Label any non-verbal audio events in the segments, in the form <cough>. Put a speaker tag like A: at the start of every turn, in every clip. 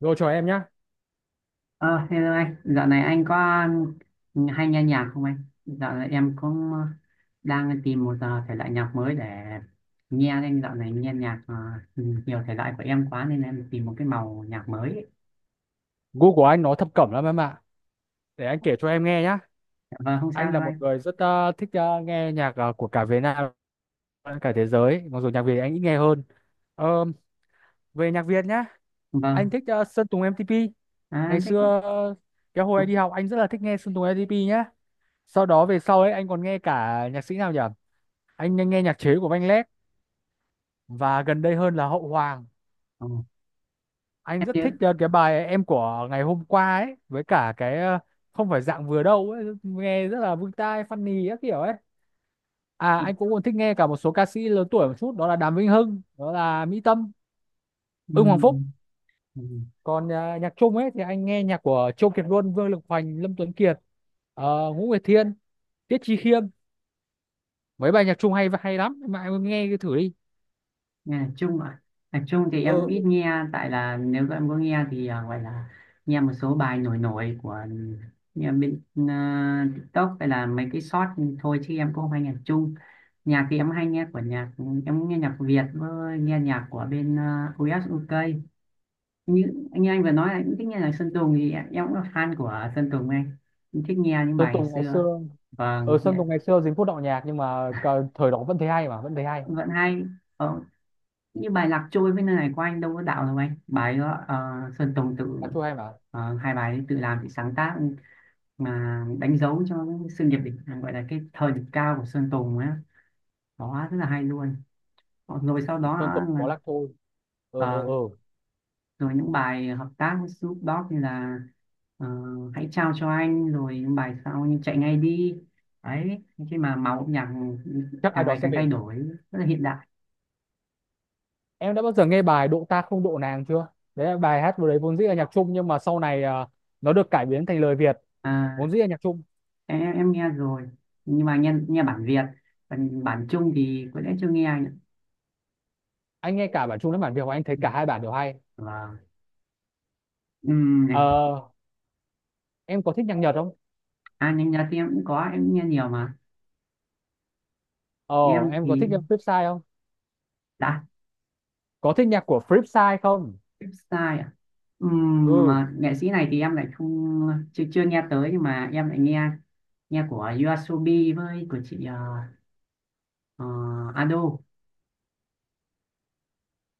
A: Rồi chào em nhá.
B: Ờ, Hello anh, dạo này anh có hay nghe nhạc không anh? Dạo này em cũng đang tìm một thể loại nhạc mới để nghe anh. Dạo này nghe nhạc nhiều thể loại của em quá nên em tìm một cái màu nhạc mới. Ấy.
A: Gu của anh nó thập cẩm lắm em ạ. Để anh kể cho em nghe nhá.
B: Vâng, không sao
A: Anh
B: đâu
A: là một
B: anh.
A: người rất thích nghe nhạc của cả Việt Nam, cả thế giới. Mặc dù nhạc Việt anh ít nghe hơn. Ờ, Về nhạc Việt nhá, anh
B: Vâng,
A: thích Sơn Tùng M-TP.
B: à,
A: Ngày
B: thích.
A: xưa, cái hồi anh đi học, anh rất là thích nghe Sơn Tùng M-TP nhá. Sau đó về sau ấy anh còn nghe cả nhạc sĩ nào nhỉ? Anh nghe nhạc chế của Văn Lét và gần đây hơn là Hậu Hoàng.
B: Ồ,
A: Anh
B: em
A: rất
B: chưa.
A: thích cái bài Em Của Ngày Hôm Qua ấy, với cả cái Không Phải Dạng Vừa Đâu ấy, nghe rất là vui tai, funny các kiểu ấy. À, anh cũng còn thích nghe cả một số ca sĩ lớn tuổi một chút, đó là Đàm Vĩnh Hưng, đó là Mỹ Tâm,
B: Ừ.
A: Ưng Hoàng Phúc.
B: Ừ.
A: Còn nhạc Trung ấy thì anh nghe nhạc của Châu Kiệt Luân, Vương Lực Hoành, Lâm Tuấn Kiệt, Ngũ Nguyệt Thiên, Tiết Chi Khiêm. Mấy bài nhạc Trung hay hay lắm, mà em nghe cái thử đi.
B: Nhạc Trung ạ. Nhạc Trung thì em cũng ít
A: Ừ,
B: nghe, tại là nếu em có nghe thì gọi là nghe một số bài nổi nổi của, nghe bên TikTok hay là mấy cái short thôi, chứ em cũng không hay nhạc Trung. Nhạc thì em hay nghe của nhạc, em nghe nhạc Việt với nghe nhạc của bên à, US UK. Như, như anh vừa nói là cũng thích nghe nhạc Sơn Tùng thì em cũng là fan của Sơn Tùng anh. Em thích nghe những
A: Sơn
B: bài ngày
A: Tùng ngày
B: xưa.
A: xưa, ở
B: Vâng,
A: Sơn
B: nghe-
A: Tùng ngày xưa dính phút đạo nhạc nhưng mà thời đó vẫn thấy hay, mà vẫn thấy hay.
B: vẫn hay. Ờ, như bài Lạc Trôi với Nơi Này của anh đâu có đạo đâu anh, bài đó Sơn Tùng
A: Nhạc
B: tự
A: Trung hay mà.
B: hai bài ấy tự làm tự sáng tác, mà đánh dấu cho cái sự nghiệp đỉnh, gọi là cái thời đỉnh cao của Sơn Tùng á, đó rất là hay luôn. Ờ, rồi sau đó
A: Sơn Tùng
B: là,
A: có Lạc Thôi. ờ ờ
B: ờ,
A: ờ
B: rồi những bài hợp tác với Snoop Dogg như là ờ, Hãy Trao Cho Anh, rồi những bài sau như Chạy Ngay Đi đấy, khi mà màu âm nhạc
A: Chắc ai
B: càng
A: đó
B: ngày
A: sẽ
B: càng thay
A: về.
B: đổi, rất là hiện đại.
A: Em đã bao giờ nghe bài Độ Ta Không Độ Nàng chưa? Đấy là bài hát vừa đấy, vốn dĩ là nhạc Trung nhưng mà sau này à, nó được cải biến thành lời Việt.
B: À,
A: Vốn dĩ là nhạc Trung.
B: em nghe rồi, nhưng mà nghe, nghe bản Việt, còn bản Trung thì có lẽ chưa nghe anh ạ.
A: Anh nghe cả bản Trung lẫn bản Việt và anh thấy
B: Ừ,
A: cả hai bản đều hay.
B: vâng. Này,
A: ờ em có thích nhạc Nhật không?
B: à nhanh nhật thì em cũng có, em nghe nhiều mà.
A: ờ
B: Em
A: em có
B: thì
A: thích nhạc Flipside không?
B: đã
A: Có thích nhạc của Flipside không?
B: sai à.
A: ừ
B: Mà nghệ sĩ này thì em lại không, chưa chưa nghe tới, nhưng mà em lại nghe, nghe của YOASOBI với của chị ờ, Ado,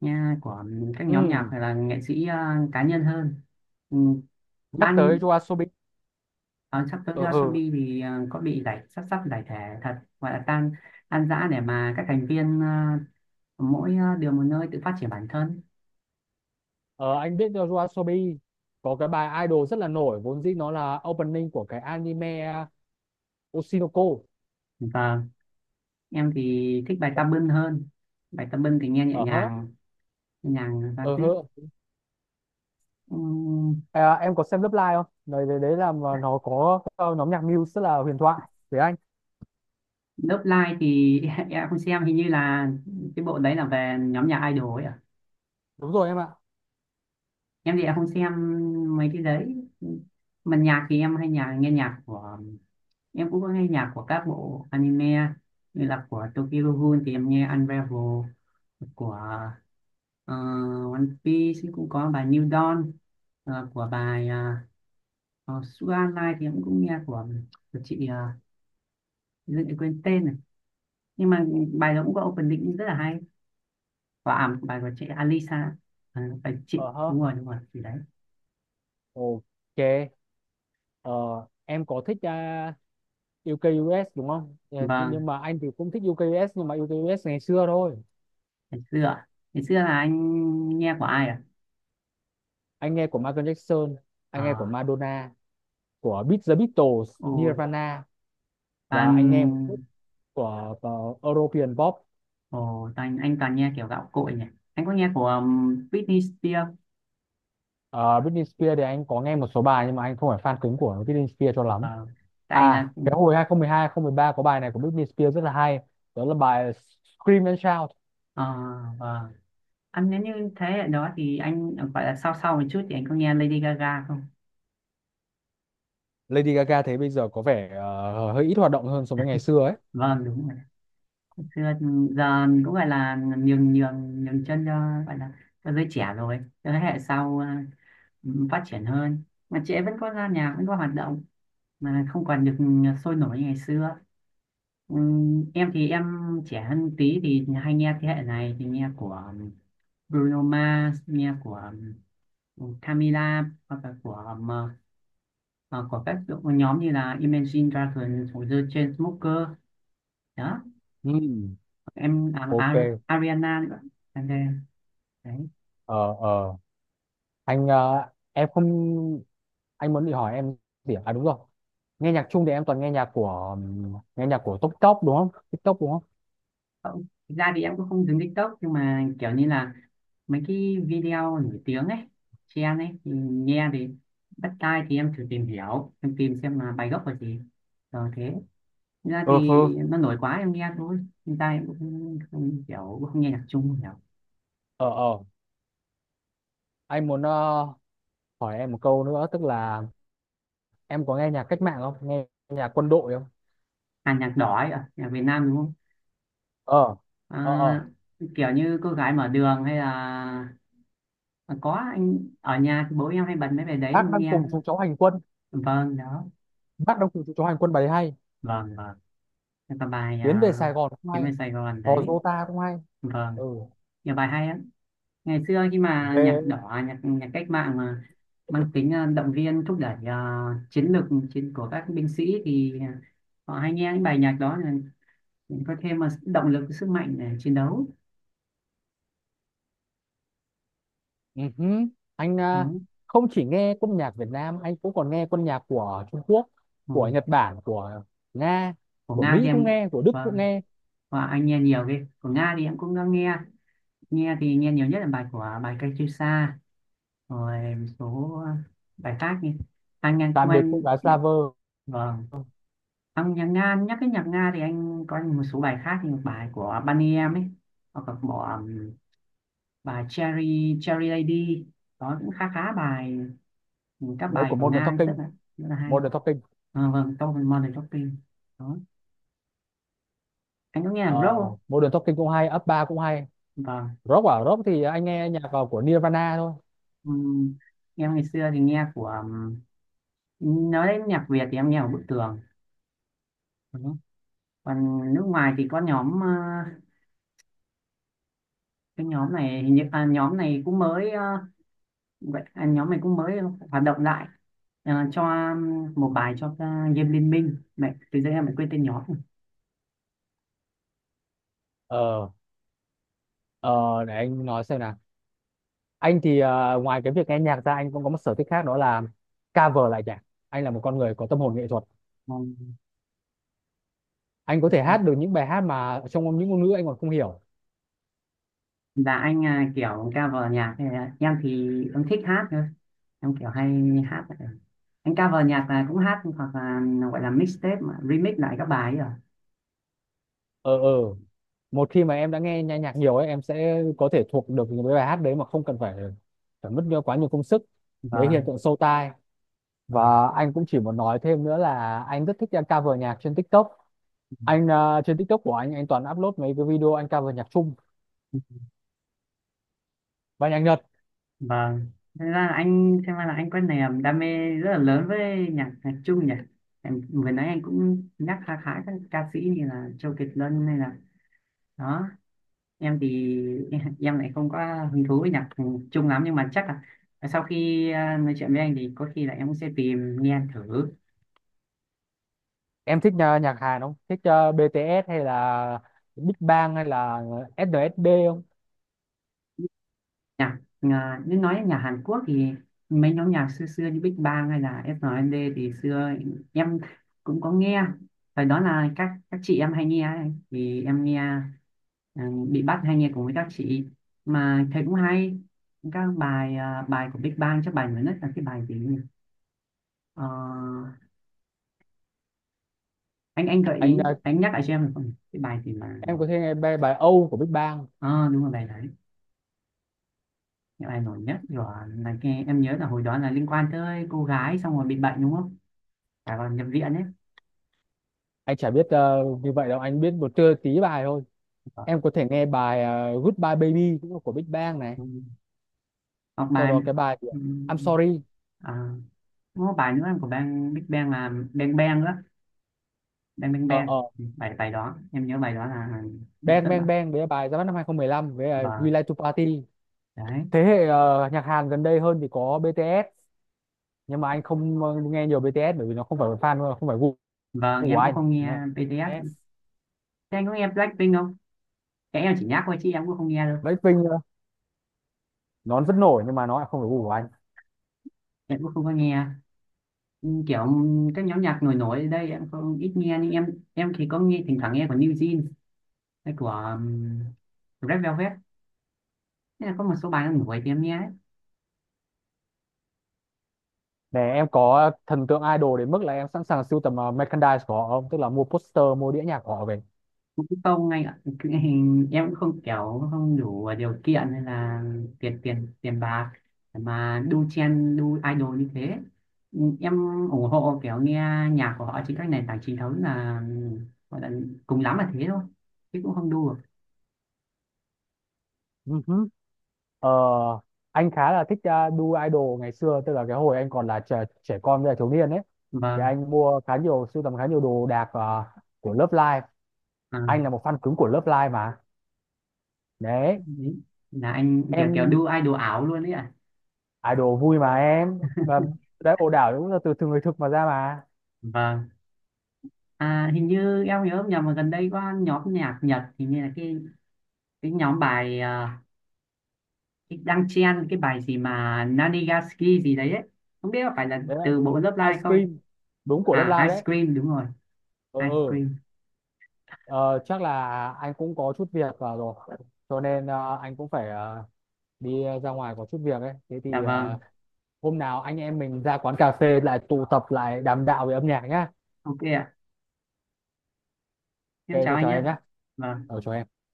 B: nghe của các
A: ừ
B: nhóm nhạc hay là nghệ sĩ cá nhân hơn. Ừm,
A: Nhắc tới
B: ban.
A: YOASOBI.
B: Ờ, sắp tới
A: ờ ừ.
B: Yoasobi thì có bị giải, sắp sắp giải thể thật, gọi là tan, tan rã, để mà các thành viên mỗi điều một nơi tự phát triển bản thân.
A: Ờ anh biết được YOASOBI có cái bài Idol rất là nổi, vốn dĩ nó là opening của cái anime Oshinoko.
B: Và em thì thích bài Tà Bưng hơn, bài Tà Bưng thì nghe nhẹ
A: Ờ hớ
B: nhàng, nhẹ nhàng và
A: ờ
B: tuyết.
A: hơ.
B: um,
A: À, em có xem Lớp Live không? Đấy đấy, đấy là mà nó có nhóm nhạc Muse, tức là huyền thoại với anh.
B: Love Live thì <laughs> em không xem, hình như là cái bộ đấy là về nhóm nhạc idol ấy à.
A: Đúng rồi em ạ.
B: Em thì em không xem mấy cái đấy. Mà nhạc thì em hay nhà nghe nhạc của, em cũng có nghe nhạc của các bộ anime, như là của Tokyo Ghoul thì em nghe Unravel, của ờ, One Piece thì cũng có bài New Dawn, của bài Sugar Line thì em cũng nghe của chị em quên tên này, nhưng mà bài đó cũng có opening rất là hay, và à, bài của chị Alisa. Ờ, bài chị
A: Ờ hơ.
B: đúng rồi, đúng rồi, chị đấy.
A: Ok. ờ, em có thích UK US đúng không? Ờ,
B: Vâng,
A: nhưng mà anh thì cũng thích UK US, nhưng mà UK US ngày xưa thôi.
B: ngày xưa, ngày xưa là anh nghe của ai ạ?
A: Anh nghe của Michael Jackson, anh nghe của
B: À?
A: Madonna, của Beat the Beatles,
B: Ờ, ồ,
A: Nirvana. Và
B: toàn.
A: anh nghe một chút của European pop.
B: Ồ, anh toàn nghe kiểu gạo cội nhỉ. Anh có nghe của Britney Spears.
A: Ờ, Britney Spears thì anh có nghe một số bài nhưng mà anh không phải fan cứng của Britney Spears cho lắm.
B: Vâng. Tại là
A: À, cái hồi 2012, ba có bài này của Britney Spears rất là hay. Đó là bài Scream and Shout.
B: ờ, vâng. Anh nếu như thế hệ đó thì anh gọi là sau, sau một chút thì anh có nghe Lady Gaga không?
A: Lady Gaga thấy bây giờ có vẻ hơi ít hoạt động hơn so với ngày xưa ấy.
B: Vâng đúng rồi. Xưa giờ cũng gọi là nhường, nhường, nhường chân cho, gọi là cho giới trẻ rồi. Cho thế hệ sau phát triển hơn. Mà chị ấy vẫn có ra nhà, vẫn có hoạt động, mà không còn được sôi nổi như ngày xưa. Em thì em trẻ hơn tí thì hay nghe thế hệ này, thì nghe của um, Bruno Mars, nghe của Camila, hoặc là của của các đội- nhóm như là Imagine Dragons hoặc The Chainsmokers đó.
A: Ừ.
B: Em à,
A: Ok.
B: Ar- Ariana nữa. Em đây, đấy.
A: ờ ờ anh ờ, em không Anh muốn đi hỏi em gì à? À, đúng rồi. Nghe nhạc chung thì em toàn nghe nhạc của TikTok đúng không? TikTok đúng không?
B: Không, thực ra thì em cũng không dùng TikTok, nhưng mà kiểu như là mấy cái video nổi tiếng ấy, trend ấy thì nghe thì bắt tai, thì em thử tìm hiểu, em tìm xem là bài gốc là gì rồi thế. Thực ra
A: Ừ hừ.
B: thì nó nổi quá em nghe thôi. Hiện tại em cũng không kiểu, cũng không nghe nhạc Trung nhiều.
A: Ờ ờ anh muốn hỏi em một câu nữa, tức là em có nghe nhạc cách mạng không? Nghe nhạc quân đội không?
B: À, nhạc đỏ ấy à, nhạc Việt Nam đúng không.
A: Ờ. Ờ ờ
B: À, kiểu như Cô Gái Mở Đường hay là à, có anh ở nhà thì bố em hay bật mấy bài đấy
A: bác
B: em
A: Đang
B: nghe.
A: Cùng Chúng Cháu Hành Quân,
B: Vâng đó.
A: Bác Đang Cùng Chúng Cháu Hành Quân bài hay.
B: Vâng, vâng. Cái còn bài
A: Tiến Về Sài Gòn cũng
B: Chuyến
A: hay.
B: về Sài Gòn
A: Hò
B: đấy.
A: Dô Ta cũng hay.
B: Vâng.
A: ừ
B: Nhiều bài hay lắm. Ngày xưa khi mà nhạc
A: về
B: đỏ, nhạc nhạc cách mạng mà mang tính à, động viên thúc đẩy à, chiến lược chiến của các binh sĩ, thì à, họ hay nghe những bài nhạc đó, mình có thêm một động lực sức mạnh để chiến đấu
A: Ừ hứ. anh
B: đó.
A: à, Không chỉ nghe quân nhạc Việt Nam, anh cũng còn nghe quân nhạc của Trung Quốc, của
B: Ừ.
A: Nhật Bản, của Nga,
B: Của
A: của
B: Nga thì
A: Mỹ cũng
B: em,
A: nghe, của Đức
B: và,
A: cũng nghe.
B: và anh nghe nhiều cái của Nga thì em cũng đã nghe. Nghe thì nghe nhiều nhất là bài của, bài Cây Chiêu Sa, rồi một số bài khác như anh ngang của
A: Tạm Biệt Cô
B: anh
A: Gái
B: đấy.
A: Slaver
B: Vâng. Ông nhạc Nga, nhắc cái nhạc Nga thì anh có một số bài khác như bài của Bunny em ấy, hoặc là bỏ bài Cherry Cherry Lady đó, cũng khá, khá bài, các
A: đấy,
B: bài
A: của
B: của
A: Modern
B: Nga rất
A: Talking,
B: là, rất là hay.
A: Modern Talking.
B: À, vâng, tôi Modern Talking đó. Anh có nghe nhạc
A: ờ,
B: rock không?
A: Modern Talking cũng hay, up ba cũng hay.
B: Vâng.
A: Rock à, rock thì anh nghe nhạc vào của Nirvana thôi.
B: Ừm, em ngày xưa thì nghe của nói đến nhạc Việt thì em nghe của Bức Tường. Ừ. Còn nước ngoài thì có nhóm cái nhóm này hình như à, nhóm này cũng mới vậy à, nhóm này cũng mới hoạt động lại. Ờ, cho một bài cho Diêm Liên Minh mẹ, từ giờ em lại quên tên nhóm.
A: ờ ờ để anh nói xem nào. Anh thì à, ngoài cái việc nghe nhạc ra, anh cũng có một sở thích khác, đó là cover lại nhạc. Anh là một con người có tâm hồn nghệ thuật. Anh có
B: Ừ.
A: thể hát được những bài hát mà trong những ngôn ngữ anh còn không hiểu.
B: Và anh kiểu cover nhạc thì em thích hát thôi, em kiểu hay hát. Anh cover nhạc là cũng hát, hoặc là gọi là mixtape mà remix lại các bài ấy à.
A: ờ ờ Một khi mà em đã nghe nhạc nhạc nhiều ấy, em sẽ có thể thuộc được những cái bài hát đấy mà không cần phải phải mất quá nhiều công sức. Đấy, hiện
B: Vâng.
A: tượng sâu tai.
B: Vâng.
A: Và anh cũng chỉ muốn nói thêm nữa là anh rất thích cover nhạc trên TikTok. Anh à, trên TikTok của anh toàn upload mấy cái video anh cover nhạc Trung và nhạc Nhật.
B: Vâng, thế ra là anh, xem ra là anh có niềm đam mê rất là lớn với nhạc nhạc Trung nhỉ. Em vừa nãy anh cũng nhắc khá, khá các ca sĩ như là Châu Kiệt Luân hay là đó. Em thì <laughs> em lại không có hứng thú với nhạc Trung lắm, nhưng mà chắc là sau khi à, nói chuyện với anh thì có khi là em cũng sẽ tìm nghe thử.
A: Em thích nhạc Hàn không? Thích BTS hay là Big Bang hay là SNSD không?
B: Nhạc à, nếu nói nhà Hàn Quốc thì mấy nhóm nhạc xưa xưa như Big Bang hay là SNSD thì xưa em cũng có nghe. Thời đó là các chị em hay nghe ấy, thì em nghe. Ừ, bị bắt hay nghe cùng với các chị mà thấy cũng hay. Các bài à, bài của Big Bang chắc bài mới nhất là cái bài gì nhỉ? Ờ, anh gợi
A: anh
B: ý
A: ờ,
B: anh nhắc lại cho em được không, cái bài gì mà.
A: em có thể nghe bài Âu của Big Bang.
B: Ờ đúng rồi, bài đấy, cái bài nổi nhất rồi. Là nghe em nhớ là hồi đó là liên quan tới cô gái xong rồi bị bệnh đúng không, à còn nhập viện ấy.
A: Anh chả biết như vậy đâu, anh biết một trưa tí bài thôi. Em có thể nghe bài Goodbye Baby cũng là của Big Bang này.
B: Ừ. Hoặc
A: Sau
B: bài,
A: đó cái bài của
B: ừ,
A: I'm Sorry.
B: à, có bài nữa của Big Bang là Bang Bang nữa, Bang Bang
A: ờ
B: Bang.
A: ờ
B: Ừ, bài, bài đó em nhớ bài đó là,
A: Bang
B: tức
A: Bang
B: là,
A: Bang với bài ra mắt năm 2015 với We
B: và
A: Like to Party.
B: đấy.
A: Thế hệ nhạc Hàn gần đây hơn thì có BTS, nhưng mà anh không nghe nhiều BTS bởi vì nó không phải là fan, không phải gu
B: Vâng,
A: của
B: em cũng
A: anh.
B: không nghe BTS.
A: Đấy.
B: Thế anh có nghe Blackpink không, cái em chỉ nhắc thôi chứ em cũng không nghe đâu.
A: Blackpink nó vẫn nổi nhưng mà nó lại không được gu của anh.
B: Em cũng không có nghe kiểu các nhóm nhạc nổi nổi ở đây, em không ít nghe, nhưng em thì có nghe, thỉnh thoảng nghe của New Jeans hay của Red Velvet. Thế là có một số bài nó nổi thì em nghe.
A: Nè, em có thần tượng idol đến mức là em sẵn sàng sưu tầm merchandise của họ không, tức là mua poster, mua đĩa nhạc của họ về?
B: Cũng không anh ạ. Cái hình em cũng không kiểu không đủ điều kiện hay là tiền, tiền bạc để mà đu chen, đu idol như thế. Ừ, em ủng hộ kiểu nghe nhạc của họ trên các nền tảng chính thống, là gọi là cùng lắm là thế thôi, chứ cũng không đu được.
A: Ừ hứ. Ờ, anh khá là thích đu idol ngày xưa, tức là cái hồi anh còn là trẻ con với là thiếu niên ấy, thì
B: Vâng.
A: anh mua khá nhiều, sưu tầm khá nhiều đồ đạc của Love Live.
B: À,
A: Anh là một fan cứng của Love Live mà. Đấy.
B: đấy. Là anh kiểu, kiểu
A: Em
B: đu idol ảo luôn đấy ạ.
A: idol vui mà em. Và đấy, ồ đảo cũng là từ từ người thực mà ra mà.
B: Vâng. À, hình như em nhớ không nhầm mà gần đây có nhóm nhạc Nhật, hình như là cái nhóm bài à, đang chen cái bài gì mà Nanigaski gì đấy ấy. Không biết có phải là
A: Đấy là
B: từ bộ Love
A: Ice
B: Live không?
A: Cream, đúng của Love
B: À,
A: Live
B: Ice
A: đấy.
B: Cream đúng rồi,
A: ừ
B: Ice
A: ừ
B: Cream.
A: Ờ, chắc là anh cũng có chút việc rồi, cho nên anh cũng phải đi ra ngoài có chút việc ấy. Thế
B: Dạ
A: thì
B: vâng,
A: hôm nào anh em mình ra quán cà phê lại tụ tập, lại đàm đạo về âm nhạc nhá.
B: ok ạ. Em
A: Ok,
B: chào
A: tôi
B: anh
A: chào
B: nhé.
A: em nhá.
B: Vâng.
A: Chào em.